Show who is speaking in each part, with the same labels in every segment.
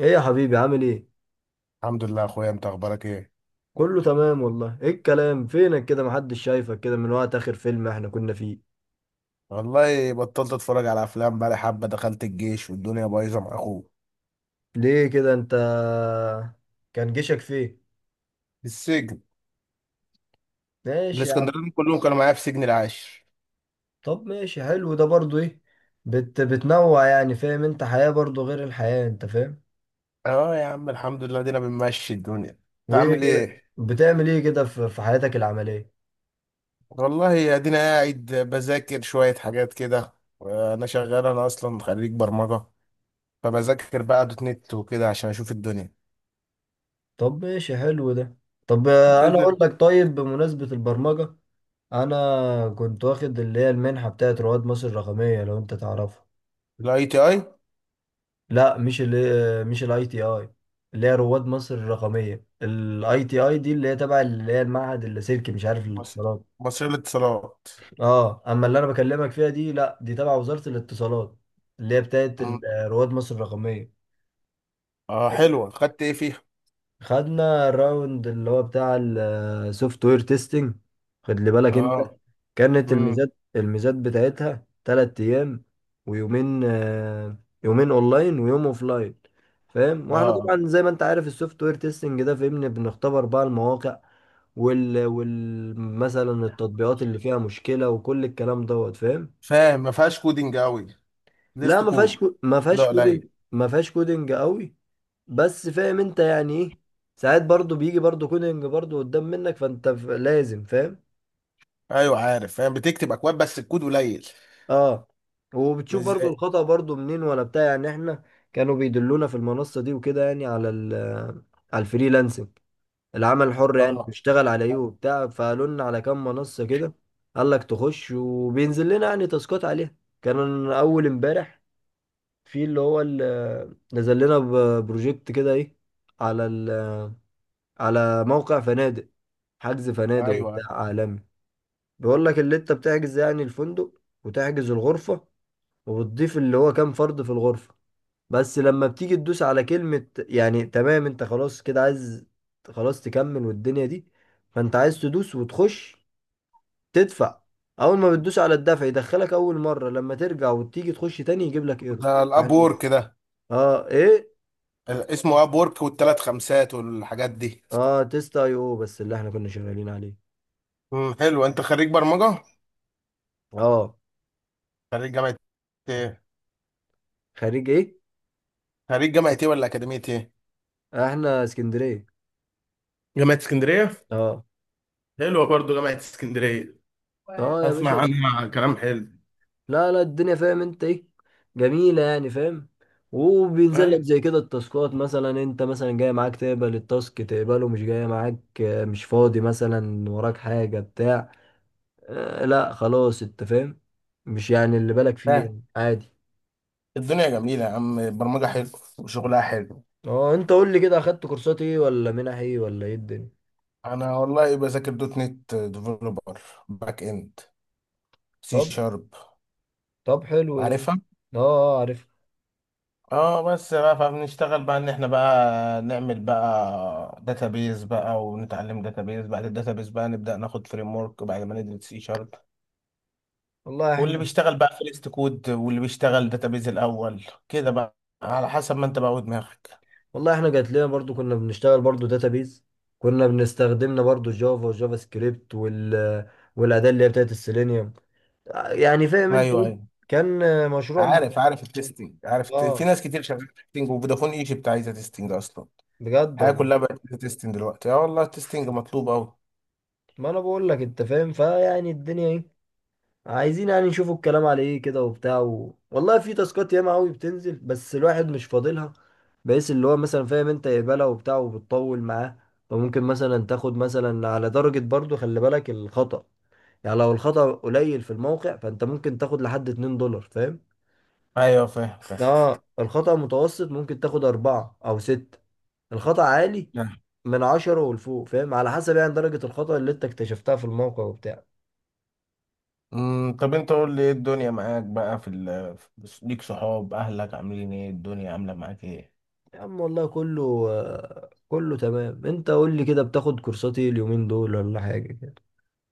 Speaker 1: ايه يا حبيبي، عامل ايه؟
Speaker 2: الحمد لله يا اخويا، انت اخبارك ايه؟
Speaker 1: كله تمام والله. ايه الكلام، فينك كده؟ محدش شايفك كده من وقت اخر فيلم احنا كنا فيه.
Speaker 2: والله بطلت اتفرج على افلام بقالي حبه، دخلت الجيش والدنيا بايظه مع اخوه
Speaker 1: ليه كده انت؟ كان جيشك فين؟
Speaker 2: في السجن.
Speaker 1: ماشي يا عم.
Speaker 2: الاسكندرانيين كلهم كانوا معايا في سجن العاشر.
Speaker 1: طب ماشي، حلو ده برضو. ايه بتنوع يعني، فاهم انت؟ حياة برضو غير الحياة، انت فاهم.
Speaker 2: اه يا عم الحمد لله، دينا بنمشي الدنيا، انت
Speaker 1: وايه
Speaker 2: عامل
Speaker 1: كده،
Speaker 2: ايه؟
Speaker 1: بتعمل ايه كده في حياتك العملية؟
Speaker 2: والله ادينا قاعد بذاكر شويه حاجات كده. انا شغال، انا اصلا خريج برمجه، فبذاكر بقى دوت نت وكده عشان اشوف الدنيا.
Speaker 1: طب ماشي، حلو ده. طب انا
Speaker 2: وباذن.
Speaker 1: اقول لك، طيب بمناسبة البرمجة، انا كنت واخد اللي هي المنحة بتاعت رواد مصر الرقمية، لو انت تعرفها.
Speaker 2: الاي تي اي.
Speaker 1: لا، مش الاي تي اي. اللي هي رواد مصر الرقميه، الاي تي اي دي اللي هي تبع اللي هي المعهد اللاسلكي مش عارف
Speaker 2: مصر.
Speaker 1: الاتصالات.
Speaker 2: مصرية للاتصالات.
Speaker 1: اه، اما اللي انا بكلمك فيها دي لا، دي تبع وزاره الاتصالات. اللي هي بتاعت
Speaker 2: مم.
Speaker 1: رواد مصر الرقميه.
Speaker 2: اه حلوه، خدت ايه فيها؟
Speaker 1: خدنا الراوند اللي هو بتاع السوفت وير تيستنج. خد لي بالك انت.
Speaker 2: اه.
Speaker 1: كانت
Speaker 2: امم.
Speaker 1: الميزات بتاعتها 3 ايام ويومين. يومين اونلاين ويوم اوفلاين. فاهم؟ واحنا
Speaker 2: اه
Speaker 1: طبعا زي ما انت عارف السوفت وير تيستنج ده، فاهمني، بنختبر بقى المواقع وال مثلا التطبيقات اللي فيها مشكلة وكل الكلام دوت، فاهم.
Speaker 2: فاهم، ما فيهاش كودينج قوي،
Speaker 1: لا،
Speaker 2: ليست
Speaker 1: ما فيهاش
Speaker 2: كود،
Speaker 1: ما
Speaker 2: ده
Speaker 1: فيهاش كودنج.
Speaker 2: قليل.
Speaker 1: ما فيهاش كودنج قوي. بس فاهم انت يعني ايه. ساعات برضو بيجي برضو كونينج برضو قدام منك، فانت لازم، فاهم.
Speaker 2: ايوه عارف فاهم، بتكتب اكواد بس الكود قليل.
Speaker 1: اه.
Speaker 2: مش
Speaker 1: وبتشوف برضو
Speaker 2: زي.
Speaker 1: الخطأ برضو منين، ولا بتاع، يعني احنا كانوا بيدلونا في المنصة دي وكده، يعني على ال على الفريلانسنج، العمل الحر يعني،
Speaker 2: اه.
Speaker 1: بنشتغل على ايه وبتاع. فقالوا لنا على كام منصة كده. قال لك تخش، وبينزل لنا يعني تاسكات عليها. كان اول امبارح في اللي هو نزل لنا بروجكت كده، ايه، على ال، على موقع فنادق، حجز
Speaker 2: ايوه،
Speaker 1: فنادق
Speaker 2: أيوه.
Speaker 1: وبتاع عالمي. بيقول لك اللي انت بتحجز يعني الفندق، وتحجز الغرفة، وبتضيف اللي هو كام فرد في الغرفة. بس لما بتيجي تدوس على كلمة يعني تمام، انت خلاص كده عايز خلاص تكمل والدنيا دي، فانت عايز تدوس وتخش، تدفع. اول ما بتدوس على الدفع يدخلك اول مرة، لما ترجع وتيجي تخش تاني يجيب لك ايرو.
Speaker 2: ده الاب
Speaker 1: يعني
Speaker 2: وورك ده؟
Speaker 1: اه ايه.
Speaker 2: ال- اسمه اب وورك والثلاث خمسات والحاجات دي.
Speaker 1: اه، تيست اي او بس اللي احنا كنا شغالين عليه.
Speaker 2: مم، حلو. انت خريج برمجه؟
Speaker 1: اه.
Speaker 2: خريج جامعه ايه؟
Speaker 1: خريج ايه؟
Speaker 2: خريج جامعه ايه ولا اكاديميه ايه؟
Speaker 1: احنا اسكندرية.
Speaker 2: جامعة اسكندرية.
Speaker 1: اه.
Speaker 2: حلوة برضو جامعة اسكندرية،
Speaker 1: اه يا
Speaker 2: اسمع
Speaker 1: باشا.
Speaker 2: عنها كلام حلو.
Speaker 1: لا لا، الدنيا فاهم انت ايه، جميلة يعني، فاهم. وبينزل لك
Speaker 2: ايوه
Speaker 1: زي كده التاسكات، مثلا انت مثلا جاي معاك تقبل التاسك تقبله، مش جاي معاك مش فاضي، مثلا وراك حاجة بتاع. آه لا، خلاص، انت فاهم. مش يعني اللي بالك فيه
Speaker 2: فاهم.
Speaker 1: يعني، عادي.
Speaker 2: الدنيا جميلة يا عم، البرمجة حلو وشغلها حلو.
Speaker 1: اه، انت قول لي كده، اخدت كورسات ايه ولا منح ايه ولا ايه الدنيا؟
Speaker 2: انا والله بذاكر دوت نت ديفلوبر، باك اند، سي
Speaker 1: طب
Speaker 2: شارب.
Speaker 1: طب حلو ده.
Speaker 2: عارفها؟
Speaker 1: اه اه، عارف.
Speaker 2: اه، بس بقى فبنشتغل بقى ان احنا بقى نعمل بقى داتابيز بقى، ونتعلم داتابيز، بعد الداتابيز بقى نبدأ ناخد فريم ورك بعد ما ندرس سي شارب.
Speaker 1: والله
Speaker 2: واللي
Speaker 1: احنا
Speaker 2: بيشتغل بقى فيرست كود واللي بيشتغل داتابيز الاول كده بقى، على حسب ما انت بقى ودماغك.
Speaker 1: والله احنا جات لنا برضو كنا بنشتغل برضو داتابيز. كنا بنستخدمنا برضو جافا وجافا سكريبت وال، والاداه اللي هي بتاعت السيلينيوم، يعني فاهم انت
Speaker 2: ايوه
Speaker 1: ايه.
Speaker 2: ايوه،
Speaker 1: كان مشروع
Speaker 2: عارف عارف التستنج، عارف الت-، في
Speaker 1: اه،
Speaker 2: ناس كتير شغاله تستنج، وفودافون ايجيبت عايزه تستنج اصلا.
Speaker 1: بجد
Speaker 2: الحياة
Speaker 1: والله.
Speaker 2: كلها بقت تيستنج دلوقتي، اه والله التيستنج مطلوب أوي.
Speaker 1: ما انا بقول لك، انت فاهم، فيعني الدنيا ايه، عايزين يعني نشوفوا الكلام على ايه كده وبتاع والله في تاسكات ياما قوي بتنزل، بس الواحد مش فاضلها، بحيث اللي هو مثلا فاهم انت يقبلها وبتاع وبتطول معاه. فممكن مثلا تاخد مثلا على درجة، برضو خلي بالك الخطأ، يعني لو الخطأ قليل في الموقع، فانت ممكن تاخد لحد 2 دولار، فاهم.
Speaker 2: ايوه فاهم فاهم.
Speaker 1: اه، الخطأ متوسط ممكن تاخد 4 أو 6. الخطأ عالي
Speaker 2: نعم.
Speaker 1: من 10 ولفوق، فاهم، على حسب يعني درجة الخطأ اللي انت اكتشفتها في الموقع وبتاع.
Speaker 2: امم، طب انت قول لي ايه الدنيا معاك بقى في ال، في- ليك صحاب؟ اهلك عاملين ايه؟ الدنيا عامله معاك ايه؟
Speaker 1: يا عم والله كله كله تمام. انت قول لي كده، بتاخد كورسات ايه اليومين دول ولا حاجة كده؟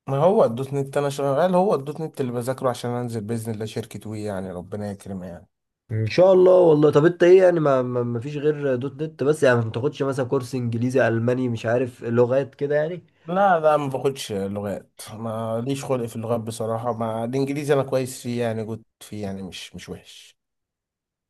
Speaker 2: ما هو الدوت نت انا شغال، هو الدوت نت اللي بذاكره عشان انزل باذن الله شركه وي، يعني ربنا يكرم يعني.
Speaker 1: ان شاء الله والله. طب انت ايه يعني، ما فيش غير دوت نت بس يعني؟ ما بتاخدش مثلا كورس انجليزي، الماني، مش عارف لغات كده يعني؟
Speaker 2: لا لا ما باخدش لغات، ما ليش خلق في اللغات بصراحه، ما الانجليزي انا كويس فيه، يعني جود فيه يعني، مش وحش.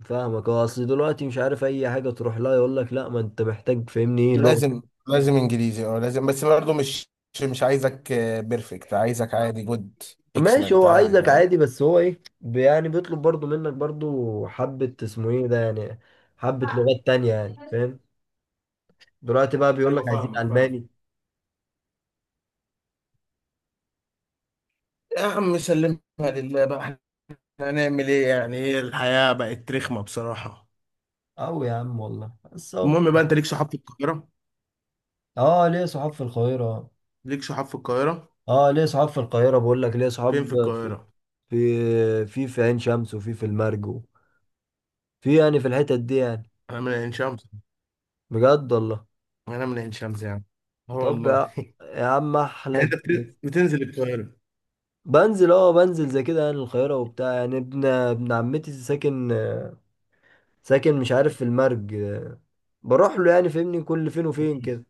Speaker 1: فاهمك، هو اصل دلوقتي مش عارف اي حاجه تروح لها يقول لك لا، ما انت محتاج فاهمني ايه لغه.
Speaker 2: لازم. لازم انجليزي اه لازم، بس برضه مش. مش عايزك بيرفكت، عايزك عادي، جود،
Speaker 1: ماشي،
Speaker 2: اكسلنت
Speaker 1: هو
Speaker 2: عادي،
Speaker 1: عايزك
Speaker 2: فاهم.
Speaker 1: عادي، بس هو ايه يعني بيطلب برضو منك برضو حبه اسمه ايه ده يعني، حبه لغات تانية يعني، فاهم. دلوقتي بقى بيقول لك
Speaker 2: ايوه
Speaker 1: عايزين
Speaker 2: فاهمك فاهمك.
Speaker 1: الماني.
Speaker 2: يا عم سلمها لله بقى، احنا هنعمل ايه يعني؟ ايه الحياة بقت رخمة بصراحة.
Speaker 1: او يا عم والله، بس اهو.
Speaker 2: المهم بقى، انت ليك صحاب في القاهرة؟
Speaker 1: اه، ليه صحاب في القاهره.
Speaker 2: ليك صحاب في القاهرة؟
Speaker 1: اه ليه صحاب في القاهره، بقول لك ليه
Speaker 2: فين
Speaker 1: صحاب
Speaker 2: في
Speaker 1: في
Speaker 2: القاهرة؟
Speaker 1: في في في عين شمس، وفي المرج، في يعني في الحتت دي يعني.
Speaker 2: انا من عين شمس.
Speaker 1: بجد والله.
Speaker 2: انا من عين شمس يعني. اه
Speaker 1: طب
Speaker 2: والله
Speaker 1: يا يا عم
Speaker 2: يعني
Speaker 1: احلى.
Speaker 2: انت بت- بتنزل القاهرة؟
Speaker 1: بنزل زي كده يعني القاهرة وبتاع، يعني ابن عمتي ساكن، ساكن مش عارف في المرج، بروح له يعني، فاهمني، كل فين وفين كده.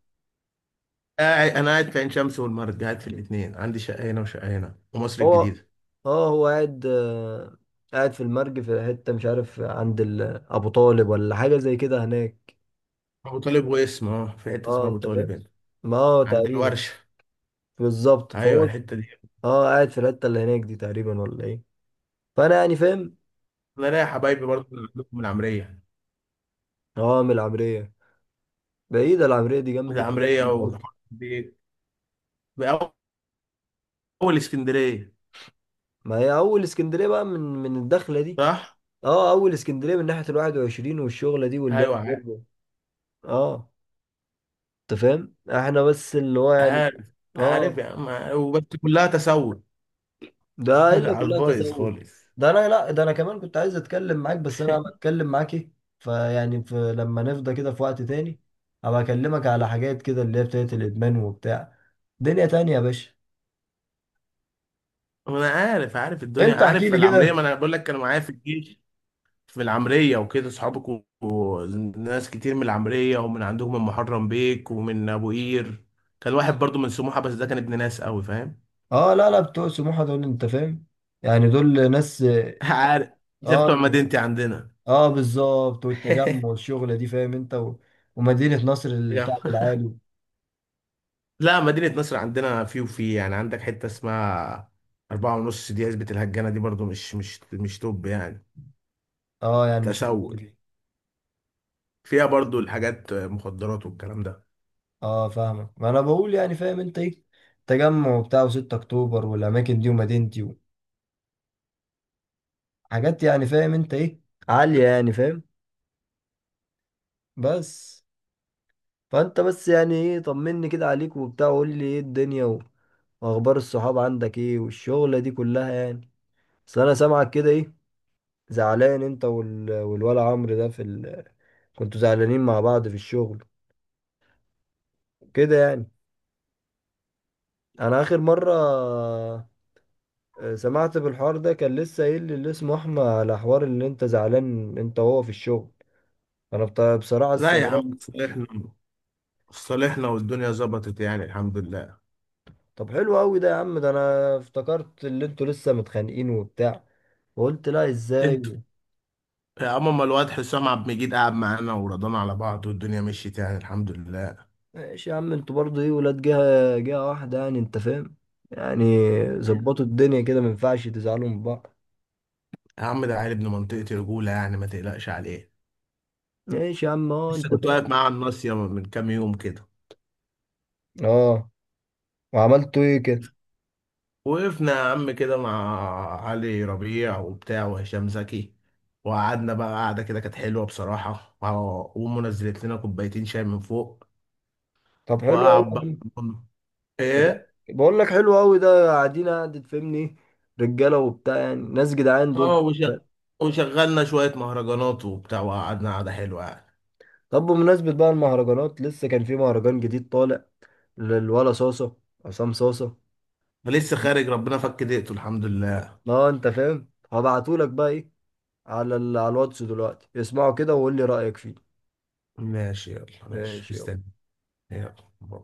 Speaker 2: قاعد، انا قاعد في عين شمس والمرج، قاعد في الاثنين، عندي شقة هنا وشقة هنا ومصر
Speaker 1: هو
Speaker 2: الجديدة.
Speaker 1: اه هو قاعد قاعد في المرج، في حتة مش عارف عند أبو طالب ولا حاجة زي كده هناك.
Speaker 2: ابو طالب، واسم اه في حته
Speaker 1: اه،
Speaker 2: اسمها ابو
Speaker 1: انت
Speaker 2: طالب
Speaker 1: فاهم،
Speaker 2: هنا.
Speaker 1: ما هو
Speaker 2: عند
Speaker 1: تقريبا
Speaker 2: الورشه.
Speaker 1: بالظبط. فهو
Speaker 2: ايوه الحته دي.
Speaker 1: اه، قاعد في الحتة اللي هناك دي تقريبا، ولا ايه؟ فانا يعني فاهم.
Speaker 2: انا ليا حبايبي برضه اللي عندكم من العمريه.
Speaker 1: اه، من العمرية. بعيدة العمرية دي،
Speaker 2: من
Speaker 1: جنب يعتبر
Speaker 2: العمريه ومن
Speaker 1: المرج.
Speaker 2: اول اسكندريه.
Speaker 1: ما هي أول اسكندرية بقى، من الدخلة دي.
Speaker 2: صح.
Speaker 1: اه، اول اسكندريه من ناحيه ال 21 والشغله دي واللعب
Speaker 2: ايوه عارف.
Speaker 1: برضه. اه، انت فاهم، احنا بس اللي هو يعني،
Speaker 2: عارف. عارف يا
Speaker 1: اه.
Speaker 2: عم. وبس كلها تسول.
Speaker 1: ده الا
Speaker 2: على
Speaker 1: كلها
Speaker 2: البايظ
Speaker 1: تسوق.
Speaker 2: خالص.
Speaker 1: ده انا لا ده انا كمان كنت عايز اتكلم معاك، بس انا بتكلم معاك ايه، فيعني في لما نفضى كده في وقت تاني هبقى اكلمك على حاجات كده اللي هي بتاعت الادمان وبتاع. دنيا تانية يا باشا.
Speaker 2: انا عارف عارف الدنيا،
Speaker 1: انت احكي
Speaker 2: عارف
Speaker 1: لي
Speaker 2: العمريه، ما
Speaker 1: كده.
Speaker 2: انا بقول لك كانوا معايا في الجيش. في العمرية وكده صحابك، وناس كتير من العمرية ومن عندهم، من محرم بيك ومن أبو قير. كان واحد برضو من سموحة، بس ده كان ابن ناس قوي فاهم.
Speaker 1: اه لا لا، بتوع سموحه دول انت فاهم، يعني دول ناس.
Speaker 2: عارف، زي
Speaker 1: اه
Speaker 2: بتوع
Speaker 1: انت،
Speaker 2: مدينتي عندنا.
Speaker 1: اه بالظبط، والتجمع والشغلة دي، فاهم انت ومدينة نصر
Speaker 2: يا.
Speaker 1: الكعب العالي.
Speaker 2: لا مدينة نصر، عندنا في وفي يعني، عندك حتة اسمها أربعة ونص دي، عزبة الهجانة دي برضو مش توب يعني.
Speaker 1: اه يعني مش اللي
Speaker 2: تسول،
Speaker 1: بالي فيه.
Speaker 2: فيها برضو الحاجات مخدرات والكلام ده.
Speaker 1: اه، فاهمك. ما انا بقول يعني، فاهم انت ايه، تجمع وبتاع و6 اكتوبر والاماكن دي ومدينتي وحاجات يعني فاهم انت ايه، عالية يعني فاهم. بس فانت بس يعني ايه، طمني كده عليك وبتاع، وقول لي ايه الدنيا واخبار الصحاب عندك ايه، والشغلة دي كلها يعني. بس انا سامعك كده ايه، زعلان انت والولا عمرو ده في كنتوا زعلانين مع بعض في الشغل كده يعني. انا اخر مره سمعت بالحوار ده، كان لسه قايل لي اللي اسمه احمد على حوار اللي انت زعلان انت وهو في الشغل. انا بصراحه
Speaker 2: لا يا
Speaker 1: استغربت.
Speaker 2: عم صالحنا، صالحنا والدنيا ظبطت يعني الحمد لله.
Speaker 1: طب حلو قوي ده يا عم، ده انا افتكرت اللي انتوا لسه متخانقين وبتاع وقلت لا
Speaker 2: انت.
Speaker 1: ازاي.
Speaker 2: يا عم ما الواد حسام عبد المجيد قعد معانا ورضانا على بعض، والدنيا مشيت يعني الحمد لله يا
Speaker 1: ماشي يا عم، انتوا برضه ايه، ولاد جهه واحده يعني انت فاهم يعني، ظبطوا الدنيا كده، ما ينفعش تزعلوا من بعض.
Speaker 2: عم. ده عيل ابن منطقتي، رجولة يعني ما تقلقش عليه.
Speaker 1: ماشي يا عم، اه
Speaker 2: لسه
Speaker 1: انت
Speaker 2: كنت واقف
Speaker 1: فاهم.
Speaker 2: معاه على الناصية من كام يوم كده.
Speaker 1: اه. وعملتوا ايه كده؟
Speaker 2: وقفنا يا عم كده مع علي ربيع وبتاع وهشام زكي، وقعدنا بقى قعدة كده كانت حلوة بصراحة، وع- وأمه نزلت لنا كوبايتين شاي من فوق.
Speaker 1: طب حلو
Speaker 2: وقعد بقى.
Speaker 1: قوي ده-
Speaker 2: إيه؟
Speaker 1: بقول لك حلو قوي ده، قاعدين قاعد تفهمني، رجاله وبتاع يعني، ناس جدعان
Speaker 2: آه
Speaker 1: دول.
Speaker 2: وش- وشغلنا شوية مهرجانات وبتاع، وقعدنا قعدة حلوة يعني.
Speaker 1: طب بمناسبه بقى المهرجانات، لسه كان في مهرجان جديد طالع للولا صاصه، عصام صاصه.
Speaker 2: فلسه خارج ربنا فك دقته الحمد لله.
Speaker 1: اه انت فاهم، هبعتهولك بقى ايه على على الواتس دلوقتي، اسمعه كده وقول لي رايك فيه.
Speaker 2: ماشي يلا، ماشي
Speaker 1: ماشي
Speaker 2: مستني.
Speaker 1: يلا.
Speaker 2: يلا. باي.